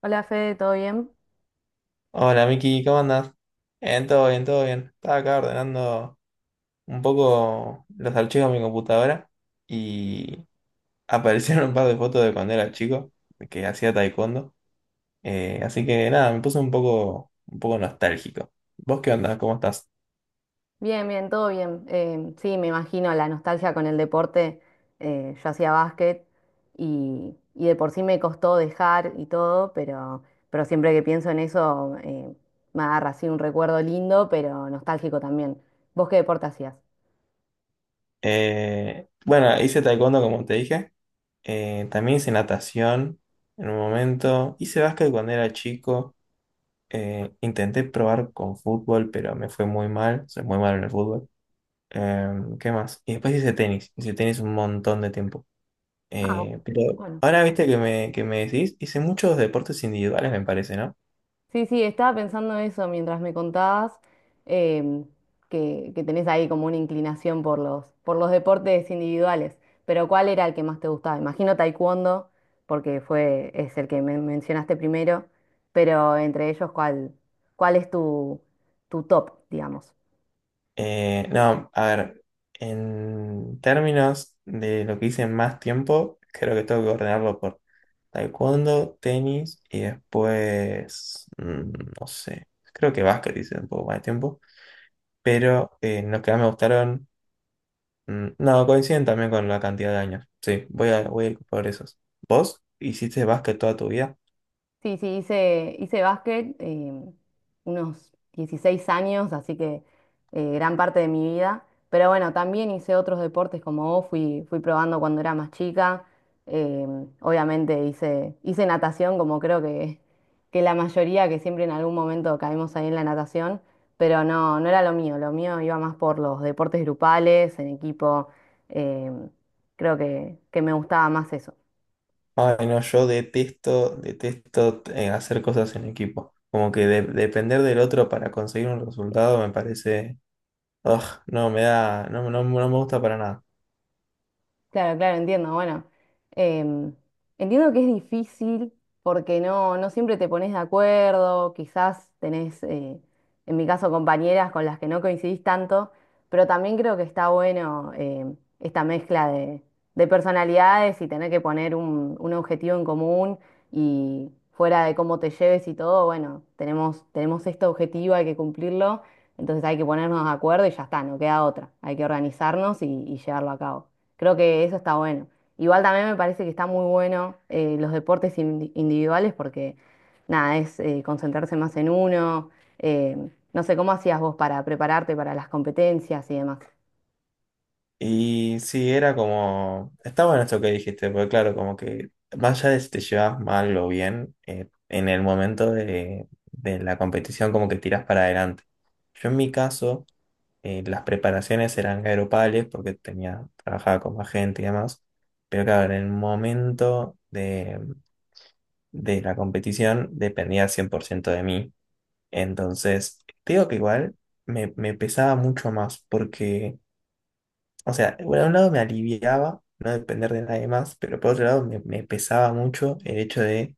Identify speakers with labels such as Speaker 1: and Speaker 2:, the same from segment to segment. Speaker 1: Hola Fede, ¿todo bien?
Speaker 2: Hola Miki, ¿cómo andás? Bien, todo bien, todo bien. Estaba acá ordenando un poco los archivos de mi computadora y aparecieron un par de fotos de cuando era chico, que hacía taekwondo. Así que nada, me puse un poco nostálgico. ¿Vos qué onda? ¿Cómo estás?
Speaker 1: Bien, bien, todo bien. Sí, me imagino la nostalgia con el deporte. Yo hacía básquet y de por sí me costó dejar y todo, pero siempre que pienso en eso, me agarra así un recuerdo lindo, pero nostálgico también. ¿Vos qué deporte hacías?
Speaker 2: Bueno, hice taekwondo como te dije. También hice natación en un momento. Hice básquet cuando era chico. Intenté probar con fútbol, pero me fue muy mal. Soy muy malo en el fútbol. ¿Qué más? Y después hice tenis. Hice tenis un montón de tiempo.
Speaker 1: Ah,
Speaker 2: Pero
Speaker 1: bueno.
Speaker 2: ahora viste que me decís, hice muchos deportes individuales, me parece, ¿no?
Speaker 1: Sí, sí, estaba pensando eso mientras me contabas em, que tenés ahí como una inclinación por los deportes individuales, pero ¿cuál era el que más te gustaba? Imagino taekwondo, porque fue, es el que me mencionaste primero, pero entre ellos, ¿cuál, cuál es tu, tu top, digamos?
Speaker 2: No, a ver, en términos de lo que hice más tiempo, creo que tengo que ordenarlo por taekwondo, tenis y después, no sé, creo que básquet hice un poco más de tiempo, pero los que más me gustaron. No, coinciden también con la cantidad de años. Sí, voy a, voy a ir por esos. ¿Vos hiciste básquet toda tu vida?
Speaker 1: Sí, sí, hice, hice básquet, unos 16 años, así que, gran parte de mi vida. Pero bueno, también hice otros deportes como vos, fui, fui probando cuando era más chica. Eh, obviamente hice, hice natación, como creo que la mayoría, que siempre en algún momento caemos ahí en la natación, pero no, no era lo mío iba más por los deportes grupales, en equipo. em, Creo que me gustaba más eso.
Speaker 2: Ay, no, yo detesto, detesto hacer cosas en equipo. Como que depender del otro para conseguir un resultado me parece... ugh, no, me da... No, no, no me gusta para nada.
Speaker 1: Claro, claro, entiendo. Bueno, em, entiendo que es difícil porque no, no siempre te pones de acuerdo, quizás tenés, en mi caso, compañeras con las que no coincidís tanto, pero también creo que está bueno esta mezcla de personalidades y tener que poner un objetivo en común y fuera de cómo te lleves y todo, bueno, tenemos, tenemos este objetivo, hay que cumplirlo, entonces hay que ponernos de acuerdo y ya está, no queda otra, hay que organizarnos y llevarlo a cabo. Creo que eso está bueno. Igual también me parece que está muy bueno los deportes individuales porque nada, es concentrarse más en uno. eh, no sé, ¿cómo hacías vos para prepararte para las competencias y demás?
Speaker 2: Y sí, era como... Está bueno esto que dijiste, porque claro, como que más allá de si te llevas mal o bien, en el momento de la competición como que tiras para adelante. Yo en mi caso... las preparaciones eran aeropales porque tenía, trabajaba con más gente y demás. Pero claro, en el momento de la competición dependía 100% de mí. Entonces, te digo que igual me, me pesaba mucho más porque, o sea, por un lado me aliviaba no depender de nadie más, pero por otro lado me, me pesaba mucho el hecho de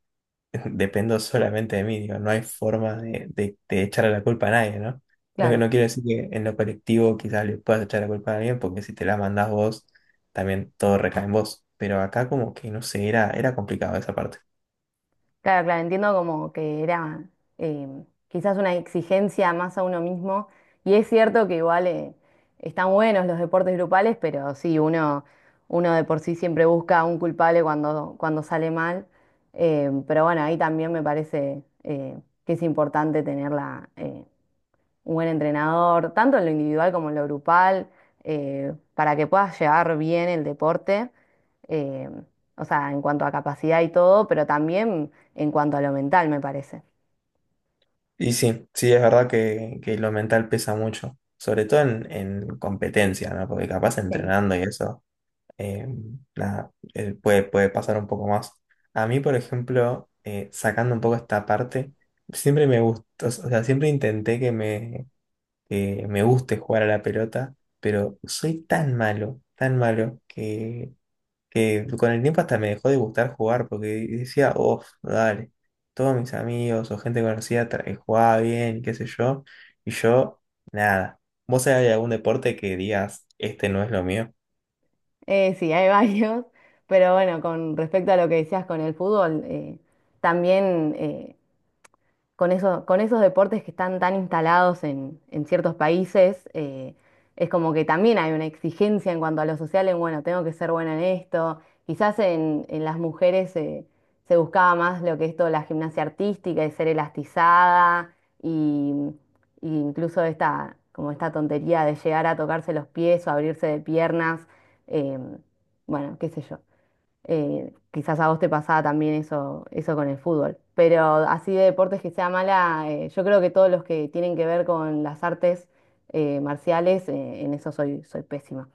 Speaker 2: dependo solamente de mí, digo, no hay forma de, de echarle la culpa a nadie, ¿no? No, que
Speaker 1: Claro.
Speaker 2: no quiero decir que en lo colectivo quizás le puedas echar la culpa a alguien, porque si te la mandás vos, también todo recae en vos. Pero acá como que, no sé, era, era complicado esa parte.
Speaker 1: Claro, claro, entiendo como que era eh, quizás una exigencia más a uno mismo. Y es cierto que igual, están buenos los deportes grupales, pero sí, uno, uno de por sí siempre busca un culpable cuando, cuando sale mal. Pero bueno, ahí también me parece, que es importante tenerla un buen entrenador, tanto en lo individual como en lo grupal, para que puedas llevar bien el deporte, eh, o sea, en cuanto a capacidad y todo, pero también en cuanto a lo mental, me parece.
Speaker 2: Y sí, sí, es verdad que lo mental pesa mucho, sobre todo en competencia, ¿no? Porque capaz
Speaker 1: Sí.
Speaker 2: entrenando y eso. Eh, nada, Puede, puede pasar un poco más. A mí, por ejemplo, sacando un poco esta parte, siempre me gustó, o sea, siempre intenté que me guste jugar a la pelota, pero soy tan malo, que con el tiempo hasta me dejó de gustar jugar, porque decía, oh, dale, todos mis amigos o gente conocida jugaba bien, qué sé yo, y yo, nada. ¿Vos sabés de algún deporte que digas, este no es lo mío?
Speaker 1: Sí, hay varios, pero bueno, con respecto a lo que decías con el fútbol, también con con esos deportes que están tan instalados en ciertos países, es como que también hay una exigencia en cuanto a lo social, en bueno, tengo que ser buena en esto. Quizás en las mujeres se buscaba más lo que es toda la gimnasia artística y ser elastizada y, y incluso esta, como esta tontería de llegar a tocarse los pies o abrirse de piernas, em, bueno, qué sé yo. Quizás a vos te pasaba también eso con el fútbol. Pero así de deportes que sea mala, yo creo que todos los que tienen que ver con las artes marciales, en eso soy, soy pésima.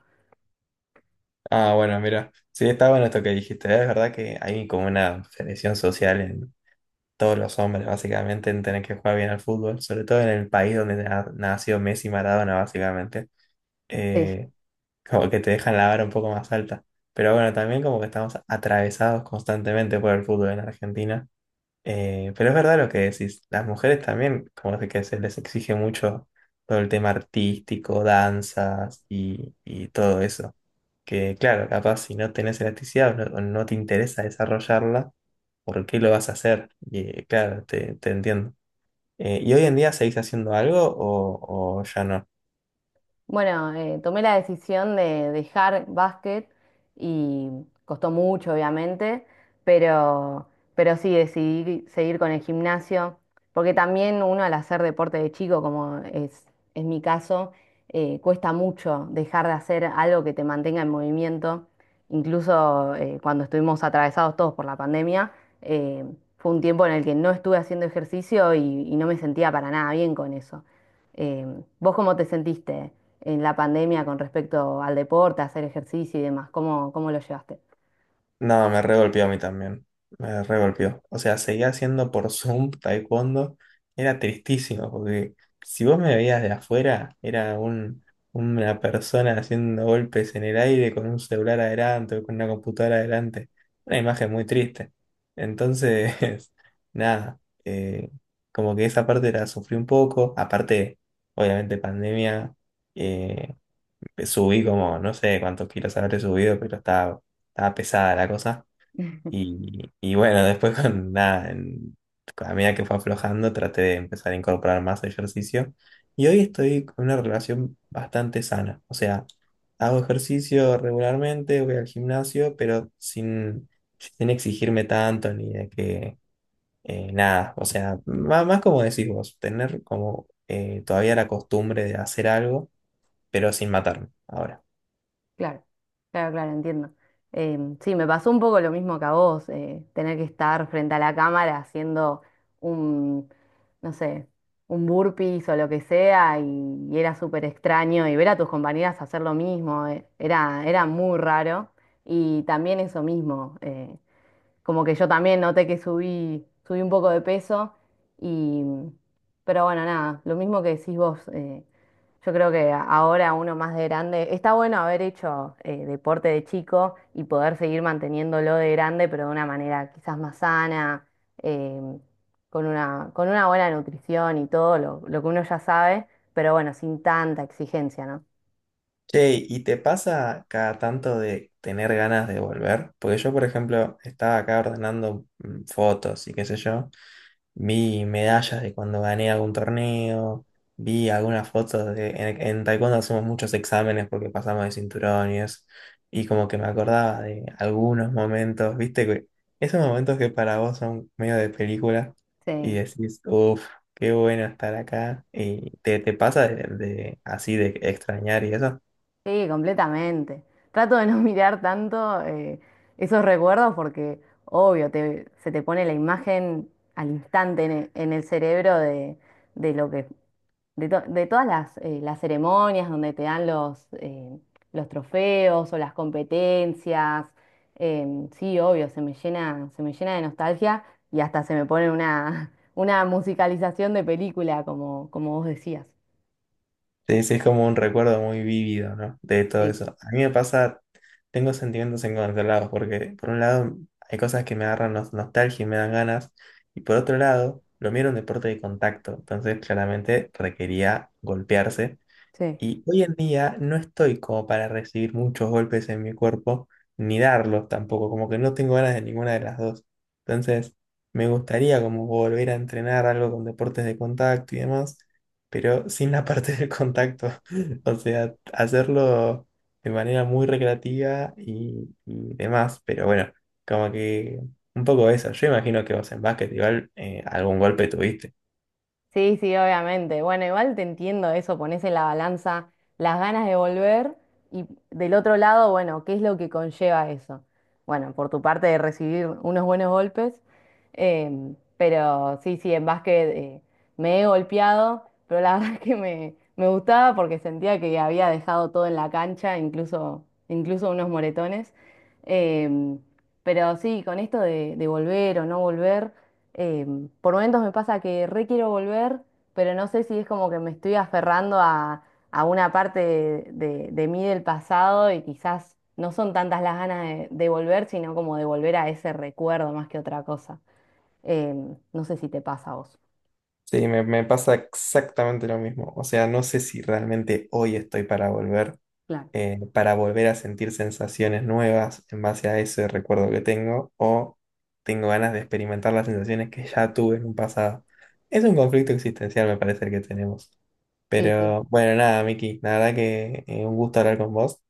Speaker 2: Bueno, mira, sí, está bueno esto que dijiste. ¿Eh? Es verdad que hay como una presión social en todos los hombres, básicamente, en tener que jugar bien al fútbol, sobre todo en el país donde ha nació Messi y Maradona, básicamente.
Speaker 1: Sí.
Speaker 2: Eh, Como que te dejan la vara un poco más alta. Pero bueno, también como que estamos atravesados constantemente por el fútbol en Argentina. Pero es verdad lo que decís, las mujeres también, como que se les exige mucho todo el tema artístico, danzas y todo eso que claro, capaz si no tenés elasticidad o no te interesa desarrollarla, ¿por qué lo vas a hacer? Y claro, te entiendo. ¿Y hoy en día seguís haciendo algo o ya no?
Speaker 1: Bueno, tomé la decisión de dejar básquet y costó mucho, obviamente, pero, pero sí decidí seguir con el gimnasio, porque también uno al hacer deporte de chico, como es mi caso, cuesta mucho dejar de hacer algo que te mantenga en movimiento. Incluso cuando estuvimos atravesados todos por la pandemia, eh, fue un tiempo en el que no estuve haciendo ejercicio y no me sentía para nada bien con eso. Em, ¿vos cómo te sentiste en la pandemia con respecto al deporte, hacer ejercicio y demás? ¿Cómo, cómo lo llevaste?
Speaker 2: No, me regolpeó a mí también. Me regolpeó. O sea, seguía haciendo por Zoom taekwondo. Era tristísimo, porque si vos me veías de afuera, era un, una persona haciendo golpes en el aire con un celular adelante o con una computadora adelante. Una imagen muy triste. Entonces, nada, eh, como que esa parte la sufrí un poco. Aparte, obviamente, pandemia, eh, subí como, no sé cuántos kilos habré subido, pero estaba pesada la cosa. Y bueno, después con nada, a medida que fue aflojando, traté de empezar a incorporar más ejercicio. Y hoy estoy con una relación bastante sana. O sea, hago ejercicio regularmente, voy al gimnasio, pero sin, sin exigirme tanto ni de que nada. O sea, más, como decís vos, tener como todavía la costumbre de hacer algo, pero sin matarme ahora.
Speaker 1: Claro, claro, claro, entiendo. Em, sí, me pasó un poco lo mismo que a vos, tener que estar frente a la cámara haciendo un, no sé, un burpees o lo que sea, y era súper extraño, y ver a tus compañeras hacer lo mismo, era, era muy raro, y también eso mismo. Como que yo también noté que subí, subí un poco de peso y, pero bueno, nada, lo mismo que decís vos, yo creo que ahora uno más de grande, está bueno haber hecho deporte de chico y poder seguir manteniéndolo de grande, pero de una manera quizás más sana, em, con una buena nutrición y todo lo que uno ya sabe, pero bueno, sin tanta exigencia, ¿no?
Speaker 2: Che, ¿y te pasa cada tanto de tener ganas de volver? Porque yo, por ejemplo, estaba acá ordenando fotos y qué sé yo, vi medallas de cuando gané algún torneo, vi algunas fotos de... en taekwondo hacemos muchos exámenes porque pasamos de cinturones y como que me acordaba de algunos momentos, viste, que esos momentos que para vos son medio de película y
Speaker 1: Sí.
Speaker 2: decís, uff, qué bueno estar acá y te pasa de así de extrañar y eso.
Speaker 1: Sí, completamente. Trato de no mirar tanto esos recuerdos porque, obvio, se te pone la imagen al instante en en el, cerebro de lo que, de, de todas las ceremonias donde te dan los trofeos o las competencias. Em, sí, obvio, se me llena de nostalgia y hasta se me pone una, una musicalización de película, como, como vos decías.
Speaker 2: Sí, sí, es como un recuerdo muy vívido, ¿no? De todo
Speaker 1: Sí,
Speaker 2: eso. A mí me pasa, tengo sentimientos encontrados, porque por un lado hay cosas que me agarran nostalgia y me dan ganas, y por otro lado, lo mío era un deporte de contacto, entonces claramente requería golpearse,
Speaker 1: sí.
Speaker 2: y hoy en día no estoy como para recibir muchos golpes en mi cuerpo, ni darlos tampoco, como que no tengo ganas de ninguna de las dos. Entonces, me gustaría como volver a entrenar algo con deportes de contacto y demás, pero sin la parte del contacto. O sea, hacerlo de manera muy recreativa y demás, pero bueno, como que un poco eso. Yo imagino que vos en básquet igual algún golpe tuviste.
Speaker 1: Sí, sí, obviamente. Bueno, igual te entiendo eso, pones en la balanza las ganas de volver y del otro lado, bueno, ¿qué es lo que conlleva eso? Bueno, por tu parte de recibir unos buenos golpes, em, pero sí, sí, en básquet, me he golpeado, pero la verdad es que me gustaba porque sentía que había dejado todo en la cancha, incluso, incluso unos moretones. Em, pero sí, con esto de volver o no volver. Eh, por momentos me pasa que re quiero volver, pero no sé si es como que me estoy aferrando a una parte de, de mí del pasado y quizás no son tantas las ganas de volver, sino como de volver a ese recuerdo más que otra cosa. Em, no sé si te pasa a vos.
Speaker 2: Sí, me pasa exactamente lo mismo. O sea, no sé si realmente hoy estoy
Speaker 1: Claro.
Speaker 2: para volver a sentir sensaciones nuevas en base a ese recuerdo que tengo, o tengo ganas de experimentar las sensaciones que ya tuve en un pasado. Es un conflicto existencial, me parece, el que tenemos.
Speaker 1: Sí, sí.
Speaker 2: Pero bueno, nada, Miki, la verdad que un gusto hablar con vos.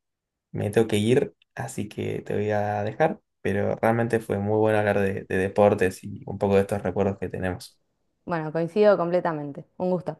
Speaker 2: Me tengo que ir, así que te voy a dejar. Pero realmente fue muy bueno hablar de deportes y un poco de estos recuerdos que tenemos.
Speaker 1: Bueno, coincido completamente. Un gusto.